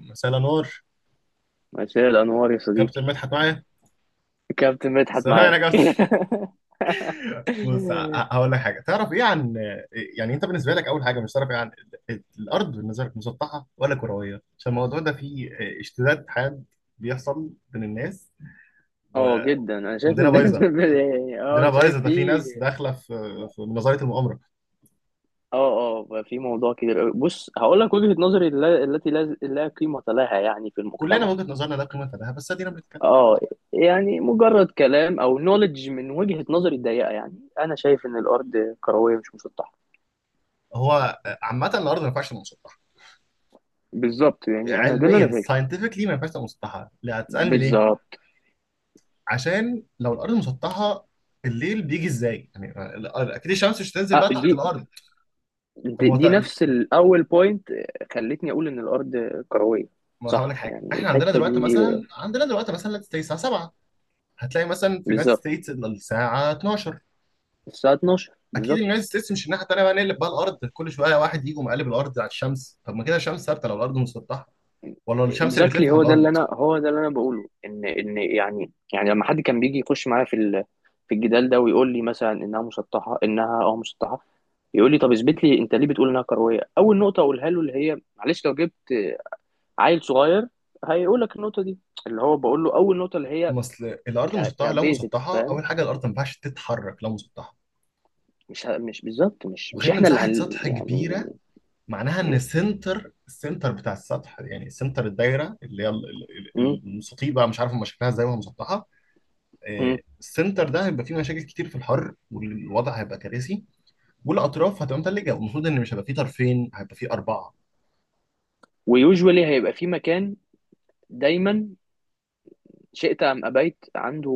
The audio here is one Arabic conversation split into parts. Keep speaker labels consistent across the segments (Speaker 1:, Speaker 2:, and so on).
Speaker 1: مساء الانوار.
Speaker 2: مساء الأنوار يا
Speaker 1: كابتن
Speaker 2: صديقي.
Speaker 1: مدحت معايا.
Speaker 2: كابتن مدحت
Speaker 1: السلام عليكم
Speaker 2: معاك.
Speaker 1: يا كابتن. بص، هقول لك حاجه. تعرف ايه عن يعني انت بالنسبه لك اول حاجه، مش تعرف ايه عن الارض، بالنسبه لك مسطحه ولا كرويه؟ عشان الموضوع ده فيه اشتداد حاد بيحصل بين الناس و...
Speaker 2: اه جدا انا شايف
Speaker 1: ودينا
Speaker 2: ان
Speaker 1: بايظه
Speaker 2: اه
Speaker 1: دينا بايظه،
Speaker 2: شايف
Speaker 1: ده في
Speaker 2: في.
Speaker 1: ناس داخله في نظريه المؤامره.
Speaker 2: اه بقى في موضوع كبير أوي. بص هقول لك وجهة نظري التي لا قيمة لها، يعني في
Speaker 1: كلنا من
Speaker 2: المجتمع.
Speaker 1: وجهه نظرنا لا قيمه لها، بس ادينا بنتكلم.
Speaker 2: اه يعني مجرد كلام او نوليدج من وجهة نظري الضيقة، يعني انا شايف ان الارض كروية مش مسطحة
Speaker 1: هو عامه الارض ما ينفعش تبقى مسطحه.
Speaker 2: بالظبط. يعني انا ده اللي انا
Speaker 1: علميا،
Speaker 2: شايفه
Speaker 1: ساينتفكلي، ما ينفعش تبقى مسطحه. لا هتسالني ليه.
Speaker 2: بالظبط.
Speaker 1: عشان لو الارض مسطحه، الليل بيجي ازاي يعني؟ اكيد الشمس مش هتنزل
Speaker 2: أه
Speaker 1: بقى تحت
Speaker 2: دي
Speaker 1: الارض. طب
Speaker 2: دي
Speaker 1: ما هو
Speaker 2: دي نفس الاول بوينت خلتني اقول ان الارض كرويه.
Speaker 1: ما هقول لك
Speaker 2: صح،
Speaker 1: حاجه.
Speaker 2: يعني
Speaker 1: احنا عندنا
Speaker 2: الحته
Speaker 1: دلوقتي
Speaker 2: دي
Speaker 1: مثلا عندنا دلوقتي مثلا زي الساعه 7، هتلاقي مثلا في اليونايتد
Speaker 2: بالظبط.
Speaker 1: ستيتس الساعه 12.
Speaker 2: الساعه 12
Speaker 1: اكيد
Speaker 2: بالظبط.
Speaker 1: اليونايتد ستيتس مش الناحيه التانيه بقى، نقلب بقى الارض كل شويه واحد يجي ومقلب الارض على الشمس. طب ما كده الشمس ثابته لو الارض مسطحه، ولا الشمس اللي بتلف
Speaker 2: اكزاكتلي،
Speaker 1: على
Speaker 2: هو ده اللي
Speaker 1: الارض؟
Speaker 2: انا، هو ده اللي انا بقوله، ان ان يعني، يعني لما حد كان بيجي يخش معايا في في الجدال ده ويقول لي مثلا انها مسطحه، انها مسطحه، يقول لي طب اثبت لي انت ليه بتقول انها كرويه. اول نقطه اقولها له اللي هي معلش لو جبت عيل صغير هيقول لك النقطه دي، اللي هو بقول له اول نقطه اللي هي
Speaker 1: ما اصل الارض مسطحه، لو
Speaker 2: كبيزكس،
Speaker 1: مسطحه
Speaker 2: فاهم؟
Speaker 1: اول حاجه الارض ما ينفعش تتحرك لو مسطحه.
Speaker 2: مش مش بالظبط، مش
Speaker 1: وغير ان
Speaker 2: احنا اللي
Speaker 1: مساحه
Speaker 2: هن
Speaker 1: سطح كبيره
Speaker 2: يعني،
Speaker 1: معناها ان
Speaker 2: يعني
Speaker 1: السنتر بتاع السطح، يعني سنتر الدايره اللي هي
Speaker 2: م- م-
Speaker 1: المستطيل بقى، مش عارف هم شكلها ازاي وهي مسطحه.
Speaker 2: م.
Speaker 1: السنتر ده هيبقى فيه مشاكل كتير في الحر، والوضع هيبقى كارثي. والاطراف هتبقى متلجه، والمفروض ان مش هيبقى فيه طرفين، هيبقى فيه اربعه.
Speaker 2: ويوجوالي هيبقى في مكان دايما شئت ام ابيت عنده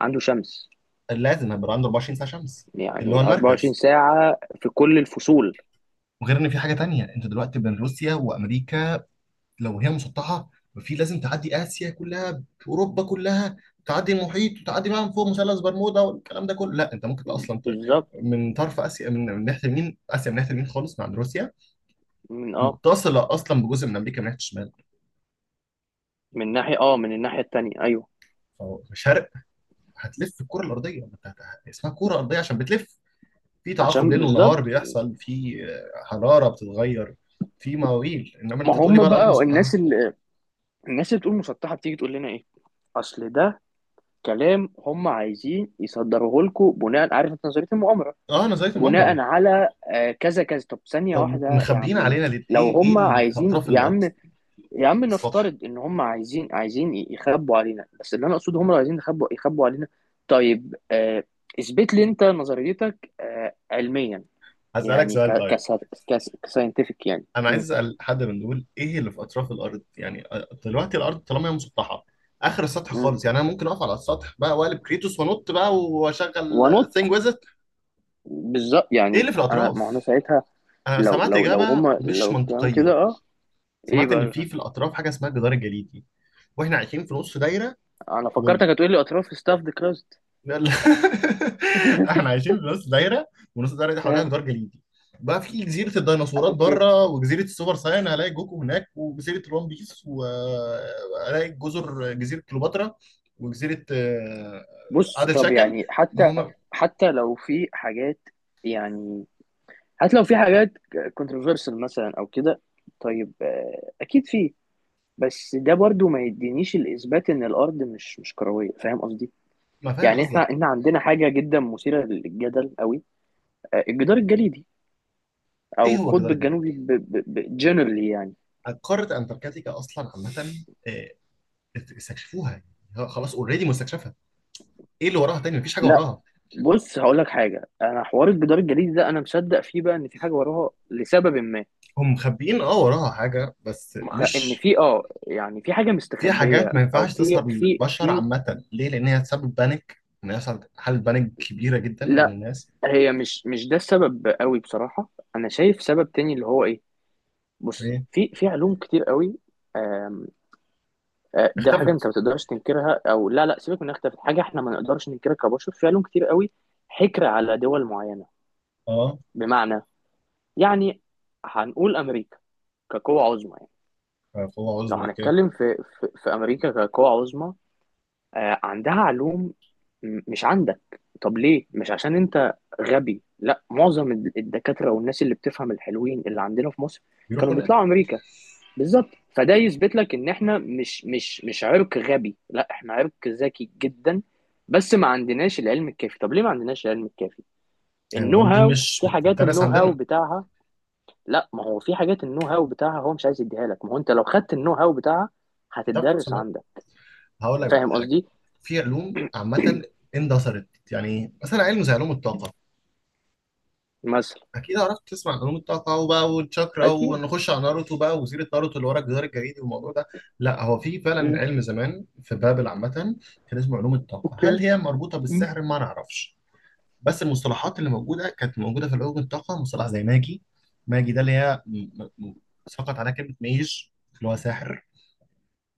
Speaker 2: عنده شمس
Speaker 1: لازم هيبقى عنده 24 ساعه شمس، اللي هو
Speaker 2: يعني 24
Speaker 1: المركز.
Speaker 2: ساعة في كل الفصول
Speaker 1: وغير ان في حاجه تانيه، انت دلوقتي بين روسيا وامريكا، لو هي مسطحه ففي لازم تعدي اسيا كلها، اوروبا كلها، تعدي المحيط وتعدي بقى من فوق مثلث برمودا والكلام ده كله. لا انت ممكن اصلا
Speaker 2: بالظبط
Speaker 1: من طرف اسيا، من ناحيه اليمين، اسيا من ناحيه اليمين خالص مع روسيا،
Speaker 2: من اه
Speaker 1: متصله اصلا بجزء من امريكا من ناحيه الشمال.
Speaker 2: من ناحية اه من الناحية التانية ايوه
Speaker 1: فشرق هتلف الكره الارضيه، ما انت اسمها كره ارضيه عشان بتلف. في تعاقب
Speaker 2: عشان
Speaker 1: ليل ونهار
Speaker 2: بالظبط
Speaker 1: بيحصل، في حراره بتتغير. في مواويل. انما إن
Speaker 2: ما
Speaker 1: انت تقول لي
Speaker 2: هم
Speaker 1: بقى الارض
Speaker 2: بقى
Speaker 1: مسطحه.
Speaker 2: الناس اللي الناس اللي تقول مسطحة بتيجي تقول لنا ايه اصل ده كلام هم عايزين يصدروه لكم بناء عارف انت نظرية المؤامرة
Speaker 1: اه، نظريه
Speaker 2: بناء
Speaker 1: المؤامره.
Speaker 2: على آه، كذا كذا طب ثانية
Speaker 1: طب
Speaker 2: واحدة يا
Speaker 1: مخبيين
Speaker 2: عمنا
Speaker 1: علينا ليه؟
Speaker 2: لو
Speaker 1: ايه
Speaker 2: هم
Speaker 1: اللي في
Speaker 2: عايزين
Speaker 1: اطراف
Speaker 2: يا
Speaker 1: الارض؟
Speaker 2: عم يا عم
Speaker 1: السطح.
Speaker 2: نفترض ان هم عايزين عايزين ي- يخبوا علينا بس اللي انا اقصده هم لو عايزين يخبوا يخبوا علينا طيب آه، اثبت لي انت نظريتك آه، علميا
Speaker 1: هسألك
Speaker 2: يعني ك
Speaker 1: سؤال
Speaker 2: ك
Speaker 1: طيب.
Speaker 2: كساينتفك يعني
Speaker 1: أنا
Speaker 2: م-
Speaker 1: عايز أسأل حد من دول، إيه اللي في أطراف الأرض؟ يعني دلوقتي الأرض طالما هي مسطحة، آخر السطح
Speaker 2: م.
Speaker 1: خالص. يعني أنا ممكن أقف على السطح بقى وأقلب كريتوس وأنط بقى وأشغل
Speaker 2: ونط.
Speaker 1: ثينج ويزت.
Speaker 2: بالظبط،
Speaker 1: إيه
Speaker 2: يعني
Speaker 1: اللي في
Speaker 2: انا، ما هو انا
Speaker 1: الأطراف؟
Speaker 2: ساعتها.
Speaker 1: أنا سمعت إجابة مش
Speaker 2: لو الكلام كده.
Speaker 1: منطقية.
Speaker 2: اه ايه
Speaker 1: سمعت إن في
Speaker 2: بقى؟
Speaker 1: في الأطراف حاجة اسمها الجدار الجليدي، وإحنا عايشين في نص دايرة.
Speaker 2: انا فكرتك هتقول لي اطراف ستاف ذا كراست.
Speaker 1: يلا. احنا عايشين في نص دايره، ونص الدايره دي حواليها جدار جليدي. بقى في جزيره الديناصورات
Speaker 2: اوكي.
Speaker 1: بره، وجزيره السوبر ساين هلاقي جوكو هناك، وجزيره الون بيس، وهلاقي جزر جزيره كليوباترا، وجزيره
Speaker 2: بص،
Speaker 1: عادل
Speaker 2: طب
Speaker 1: شكل.
Speaker 2: يعني
Speaker 1: ما
Speaker 2: حتى
Speaker 1: هو.
Speaker 2: حتى لو في حاجات، يعني حتى لو في حاجات كونتروفيرسل مثلا او كده. طيب، اكيد في. بس ده برضو ما يدينيش الاثبات ان الارض مش كرويه، فاهم قصدي؟
Speaker 1: ما فاهم
Speaker 2: يعني احنا
Speaker 1: قصدك.
Speaker 2: احنا عندنا حاجه جدا مثيره للجدل قوي، الجدار الجليدي
Speaker 1: ايه
Speaker 2: او
Speaker 1: هو
Speaker 2: القطب
Speaker 1: الجدار الجليدي؟
Speaker 2: الجنوبي جنرالي يعني.
Speaker 1: قاره انتاركتيكا اصلا عامه، استكشفوها. ها، خلاص اوريدي مستكشفها. ايه اللي وراها تاني؟ مفيش حاجه
Speaker 2: لا،
Speaker 1: وراها.
Speaker 2: بص هقول لك حاجه، انا حوار الجدار الجليدي ده انا مصدق فيه، بقى ان في حاجه وراها لسبب ما.
Speaker 1: هم مخبيين اه وراها حاجه بس
Speaker 2: ان
Speaker 1: مش.
Speaker 2: في يعني في حاجه
Speaker 1: في حاجات
Speaker 2: مستخبيه،
Speaker 1: ما
Speaker 2: او
Speaker 1: ينفعش
Speaker 2: في
Speaker 1: تظهر
Speaker 2: في
Speaker 1: للبشر
Speaker 2: في
Speaker 1: عامة ليه؟ لأن هي تسبب بانيك، إن يحصل حالة بانيك كبيرة جدا بين
Speaker 2: لا،
Speaker 1: الناس.
Speaker 2: هي مش ده السبب قوي بصراحه. انا شايف سبب تاني، اللي هو ايه؟ بص،
Speaker 1: إيه؟
Speaker 2: في علوم كتير قوي، آم، ده حاجه انت
Speaker 1: اختفت.
Speaker 2: ما تقدرش تنكرها. او لا سيبك، من اختلاف حاجه احنا ما نقدرش ننكرها كبشر، في علوم كتير قوي حكر على دول معينه.
Speaker 1: أه.
Speaker 2: بمعنى، يعني هنقول امريكا كقوه عظمى يعني.
Speaker 1: قوة
Speaker 2: لو
Speaker 1: عظمى، أوكي.
Speaker 2: هنتكلم في امريكا كقوه عظمى، عندها علوم مش عندك. طب ليه؟ مش عشان انت غبي، لا، معظم الدكاترة والناس اللي بتفهم الحلوين اللي عندنا في مصر
Speaker 1: بيروحوا
Speaker 2: كانوا بيطلعوا
Speaker 1: هناك.
Speaker 2: امريكا بالظبط. فده يثبت لك ان احنا مش عرق غبي، لا احنا عرق ذكي جدا، بس ما عندناش العلم الكافي. طب ليه ما عندناش العلم الكافي؟
Speaker 1: يعني
Speaker 2: النو
Speaker 1: العلوم دي
Speaker 2: هاو.
Speaker 1: مش
Speaker 2: في حاجات
Speaker 1: بتدرس
Speaker 2: النو هاو
Speaker 1: عندنا.
Speaker 2: بتاعها. لا، ما هو في حاجات النو هاو بتاعها هو مش عايز يديها لك، ما هو انت لو خدت النو هاو بتاعها
Speaker 1: هتعرف توصل
Speaker 2: هتتدرس
Speaker 1: لها.
Speaker 2: عندك،
Speaker 1: هقول لك بقى
Speaker 2: فاهم
Speaker 1: حاجة.
Speaker 2: قصدي؟
Speaker 1: في علوم عامة اندثرت. يعني إيه؟ مثلا علم زي علوم الطاقة.
Speaker 2: مثلا،
Speaker 1: اكيد عرفت تسمع عن علوم الطاقه بقى والشakra،
Speaker 2: اكيد.
Speaker 1: ونخش على ناروتو بقى وسيره ناروتو اللي ورا الجدار الجليدي والموضوع ده. لا هو في فعلا علم زمان في بابل عامه، كان اسمه علوم الطاقه.
Speaker 2: اوكي.
Speaker 1: هل هي مربوطه
Speaker 2: مم.
Speaker 1: بالسحر؟ ما نعرفش. بس المصطلحات اللي موجوده كانت موجوده في علوم الطاقه، مصطلح زي ماجي. ماجي ده اللي هي سقط عليها كلمه ميج، اللي هو ساحر.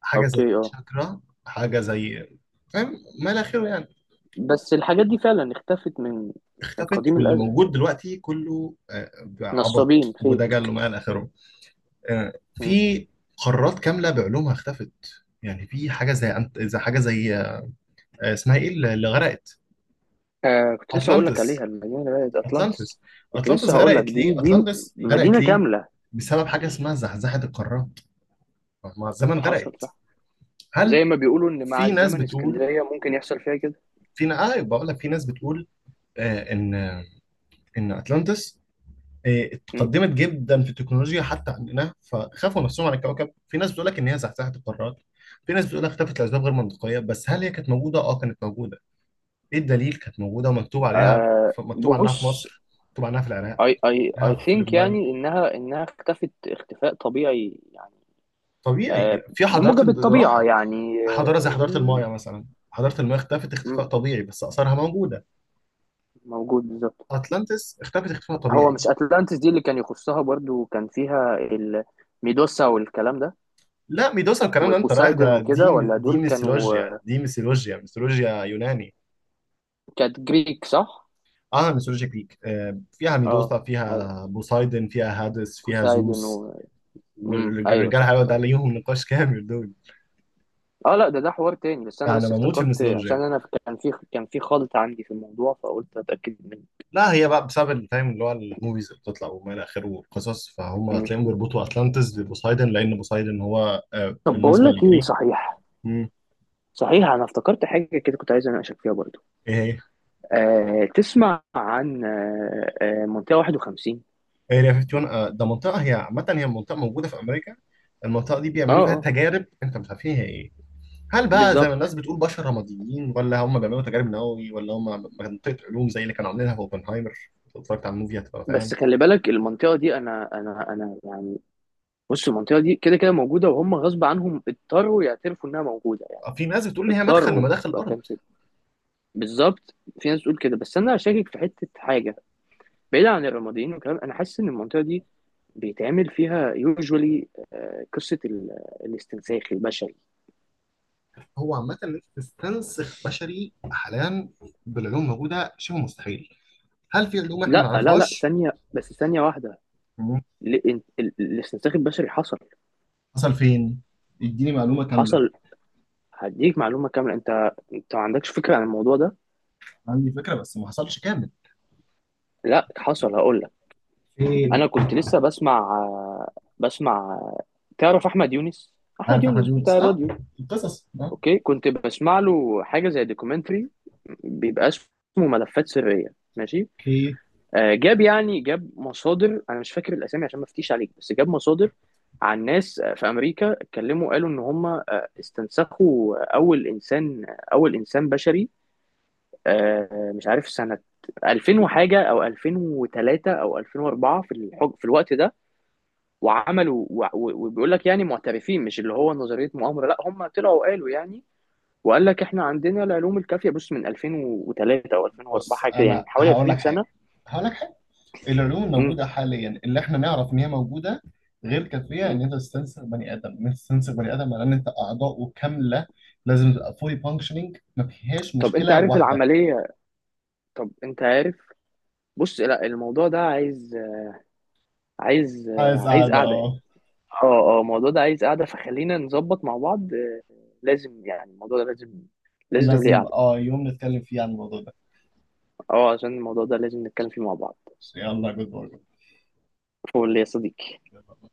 Speaker 1: حاجه زي
Speaker 2: اوكي، اه.
Speaker 1: شاكرا، حاجه زي، فاهم؟ ما الى اخره يعني.
Speaker 2: بس الحاجات دي فعلا اختفت من، من
Speaker 1: اختفت،
Speaker 2: قديم
Speaker 1: واللي
Speaker 2: الازل.
Speaker 1: موجود دلوقتي كله
Speaker 2: نصابين
Speaker 1: عبط
Speaker 2: فيك.
Speaker 1: ودجل وما الى اخره. آه،
Speaker 2: مم.
Speaker 1: في قارات كامله بعلومها اختفت. يعني في حاجه زي زي حاجه زي اسمها ايه، اللي غرقت.
Speaker 2: آه، كنت لسه هقول لك
Speaker 1: اتلانتس.
Speaker 2: عليها، المدينه بقت اطلانتس.
Speaker 1: اتلانتس.
Speaker 2: كنت لسه
Speaker 1: اتلانتس
Speaker 2: هقول لك،
Speaker 1: غرقت ليه؟
Speaker 2: دي
Speaker 1: اتلانتس غرقت
Speaker 2: مدينه
Speaker 1: ليه؟
Speaker 2: كامله،
Speaker 1: بسبب حاجه اسمها زحزحه القارات، مع الزمن
Speaker 2: حصل
Speaker 1: غرقت.
Speaker 2: صح.
Speaker 1: هل.
Speaker 2: زي ما بيقولوا ان مع
Speaker 1: في ناس
Speaker 2: الزمن
Speaker 1: بتقول.
Speaker 2: اسكندريه ممكن يحصل فيها كده.
Speaker 1: بقول لك في ناس بتقول آه، ان ان اتلانتس، إيه،
Speaker 2: مم.
Speaker 1: اتقدمت جدا في التكنولوجيا حتى عندنا، فخافوا نفسهم على الكوكب. في ناس بتقول لك ان هي زحزحت القارات. في ناس بتقول لك اختفت لاسباب غير منطقيه. بس هل هي كانت موجوده؟ اه كانت موجوده. ايه الدليل؟ كانت موجوده ومكتوب عليها. مكتوب عنها في
Speaker 2: بص،
Speaker 1: مصر، مكتوب عنها في العراق،
Speaker 2: اي اي
Speaker 1: عنها
Speaker 2: اي
Speaker 1: في
Speaker 2: ثينك
Speaker 1: لبنان.
Speaker 2: يعني انها اختفت اختفاء طبيعي يعني،
Speaker 1: طبيعي
Speaker 2: آه،
Speaker 1: يعني، في حضارات
Speaker 2: بموجب الطبيعه
Speaker 1: راحت.
Speaker 2: يعني.
Speaker 1: حضاره زي
Speaker 2: آه،
Speaker 1: حضاره المايا مثلا، حضاره المايا اختفت
Speaker 2: مم،
Speaker 1: اختفاء طبيعي، بس اثارها موجوده.
Speaker 2: موجود بالظبط.
Speaker 1: اتلانتس اختفت اختفاء
Speaker 2: هو
Speaker 1: طبيعي.
Speaker 2: مش اتلانتس دي اللي كان يخصها برضو، كان فيها الميدوسا والكلام ده،
Speaker 1: لا، ميدوسا الكلام ده انت رايح
Speaker 2: وبوسايدن
Speaker 1: ده،
Speaker 2: وكده؟
Speaker 1: دي
Speaker 2: ولا
Speaker 1: دي
Speaker 2: دول كانوا،
Speaker 1: ميثولوجيا، دي ميثولوجيا، ميثولوجيا يوناني.
Speaker 2: كانت جريك، صح؟
Speaker 1: عالم الميثولوجيا الجريك فيها
Speaker 2: اه،
Speaker 1: ميدوسا،
Speaker 2: ايوه،
Speaker 1: فيها بوسايدن، فيها هادس، فيها
Speaker 2: بوسايدن
Speaker 1: زوس.
Speaker 2: و... امم، ايوه
Speaker 1: والرجال
Speaker 2: صح،
Speaker 1: حلوة ده
Speaker 2: طيب.
Speaker 1: ليهم نقاش كامل، دول
Speaker 2: اه لا، ده حوار تاني، بس انا
Speaker 1: انا
Speaker 2: بس
Speaker 1: بموت في
Speaker 2: افتكرت عشان
Speaker 1: الميثولوجيا.
Speaker 2: انا كان في، كان في خلط عندي في الموضوع، فقلت اتاكد منه.
Speaker 1: لا هي بقى بسبب الفاهم اللي هو الموفيز اللي بتطلع وما الى اخره والقصص، فهم
Speaker 2: أمم.
Speaker 1: هتلاقيهم بيربطوا اتلانتس ببوسايدن، لان بوسايدن هو
Speaker 2: طب بقول
Speaker 1: بالنسبه
Speaker 2: لك ايه
Speaker 1: للجريك.
Speaker 2: صحيح،
Speaker 1: مم.
Speaker 2: صحيح انا افتكرت حاجه كده كنت عايز اناقشك فيها برضو.
Speaker 1: ايه
Speaker 2: تسمع عن منطقه 51؟
Speaker 1: هي اريا 51، ده منطقه هي عامه، هي منطقه موجوده في امريكا. المنطقه دي
Speaker 2: اه
Speaker 1: بيعملوا فيها
Speaker 2: اه
Speaker 1: تجارب، انت مش عارف هي ايه هي. هل بقى زي ما الناس
Speaker 2: بالظبط.
Speaker 1: بتقول بشر رماديين، ولا هم بيعملوا تجارب نووي، ولا هم منطقة علوم زي اللي كانوا عاملينها في اوبنهايمر؟ اتفرجت على الموفي هتبقى فاهم.
Speaker 2: بس خلي بالك المنطقة دي، أنا يعني، بص المنطقة دي كده كده موجودة، وهم غصب عنهم اضطروا يعترفوا إنها موجودة يعني.
Speaker 1: في ناس بتقول ان هي مدخل من
Speaker 2: اضطروا،
Speaker 1: مداخل
Speaker 2: ما
Speaker 1: الارض.
Speaker 2: كانش. بالظبط، في ناس تقول كده، بس أنا شاكك في حتة حاجة. بعيد عن الرماديين والكلام، أنا حاسس إن المنطقة دي بيتعمل فيها يوجوالي قصة الاستنساخ البشري.
Speaker 1: هو عامة ان انت تستنسخ بشري حاليا بالعلوم الموجودة شبه مستحيل. هل في علوم احنا ما
Speaker 2: لا،
Speaker 1: نعرفهاش؟
Speaker 2: ثانية، بس ثانية واحدة،
Speaker 1: مم.
Speaker 2: الاستنساخ البشري حصل.
Speaker 1: حصل فين؟ اديني معلومة كاملة.
Speaker 2: حصل، هديك معلومة كاملة، أنت ما عندكش فكرة عن الموضوع ده.
Speaker 1: عندي فكرة بس ما حصلش كامل.
Speaker 2: لا، حصل هقول. انا
Speaker 1: فين؟
Speaker 2: كنت لسه بسمع، بسمع تعرف احمد
Speaker 1: عارف احمد
Speaker 2: يونس
Speaker 1: يونس،
Speaker 2: بتاع
Speaker 1: اه.
Speaker 2: الراديو.
Speaker 1: القصص، اه.
Speaker 2: اوكي. كنت بسمع له حاجه زي دوكيومنتري بيبقى اسمه ملفات سريه، ماشي.
Speaker 1: اوكي.
Speaker 2: آه، جاب مصادر، انا مش فاكر الاسامي عشان ما افتيش عليك، بس جاب مصادر عن ناس، آه، في امريكا، اتكلموا قالوا ان هم، آه، استنسخوا اول انسان، اول انسان بشري، آه، مش عارف سنه 2000 وحاجه او 2003 او 2004، في الحج في الوقت ده. وعملوا وبيقول لك، يعني معترفين، مش اللي هو نظريه مؤامره، لا هم طلعوا قالوا يعني، وقال لك احنا عندنا العلوم الكافيه. بص من 2003 او 2004
Speaker 1: بص
Speaker 2: حاجه كده، يعني
Speaker 1: انا
Speaker 2: من حوالي
Speaker 1: هقول لك
Speaker 2: 20
Speaker 1: حاجة،
Speaker 2: سنه.
Speaker 1: هقول لك حاجة. العلوم
Speaker 2: امم.
Speaker 1: الموجودة حاليا اللي احنا نعرف ان هي موجودة غير كافية
Speaker 2: امم.
Speaker 1: ان انت تستنسخ بني ادم، ان انت تستنسخ بني ادم على ان انت اعضاؤه كاملة. لازم تبقى فولي فانكشنينج، ما فيهاش
Speaker 2: طب انت
Speaker 1: مشكلة
Speaker 2: عارف
Speaker 1: واحدة.
Speaker 2: العمليه؟ طب انت عارف، بص لا، الموضوع ده عايز، عايز
Speaker 1: عايز
Speaker 2: عايز
Speaker 1: قاعدة،
Speaker 2: قعده يعني.
Speaker 1: اه.
Speaker 2: اه الموضوع ده عايز قعده، فخلينا نظبط مع بعض، آه، لازم يعني. الموضوع ده لازم، ليه
Speaker 1: لازم،
Speaker 2: قعده.
Speaker 1: اه، يوم نتكلم فيه عن الموضوع ده.
Speaker 2: اه عشان الموضوع ده لازم نتكلم فيه مع بعض.
Speaker 1: يلا. جود
Speaker 2: فول يا صديقي.
Speaker 1: باي.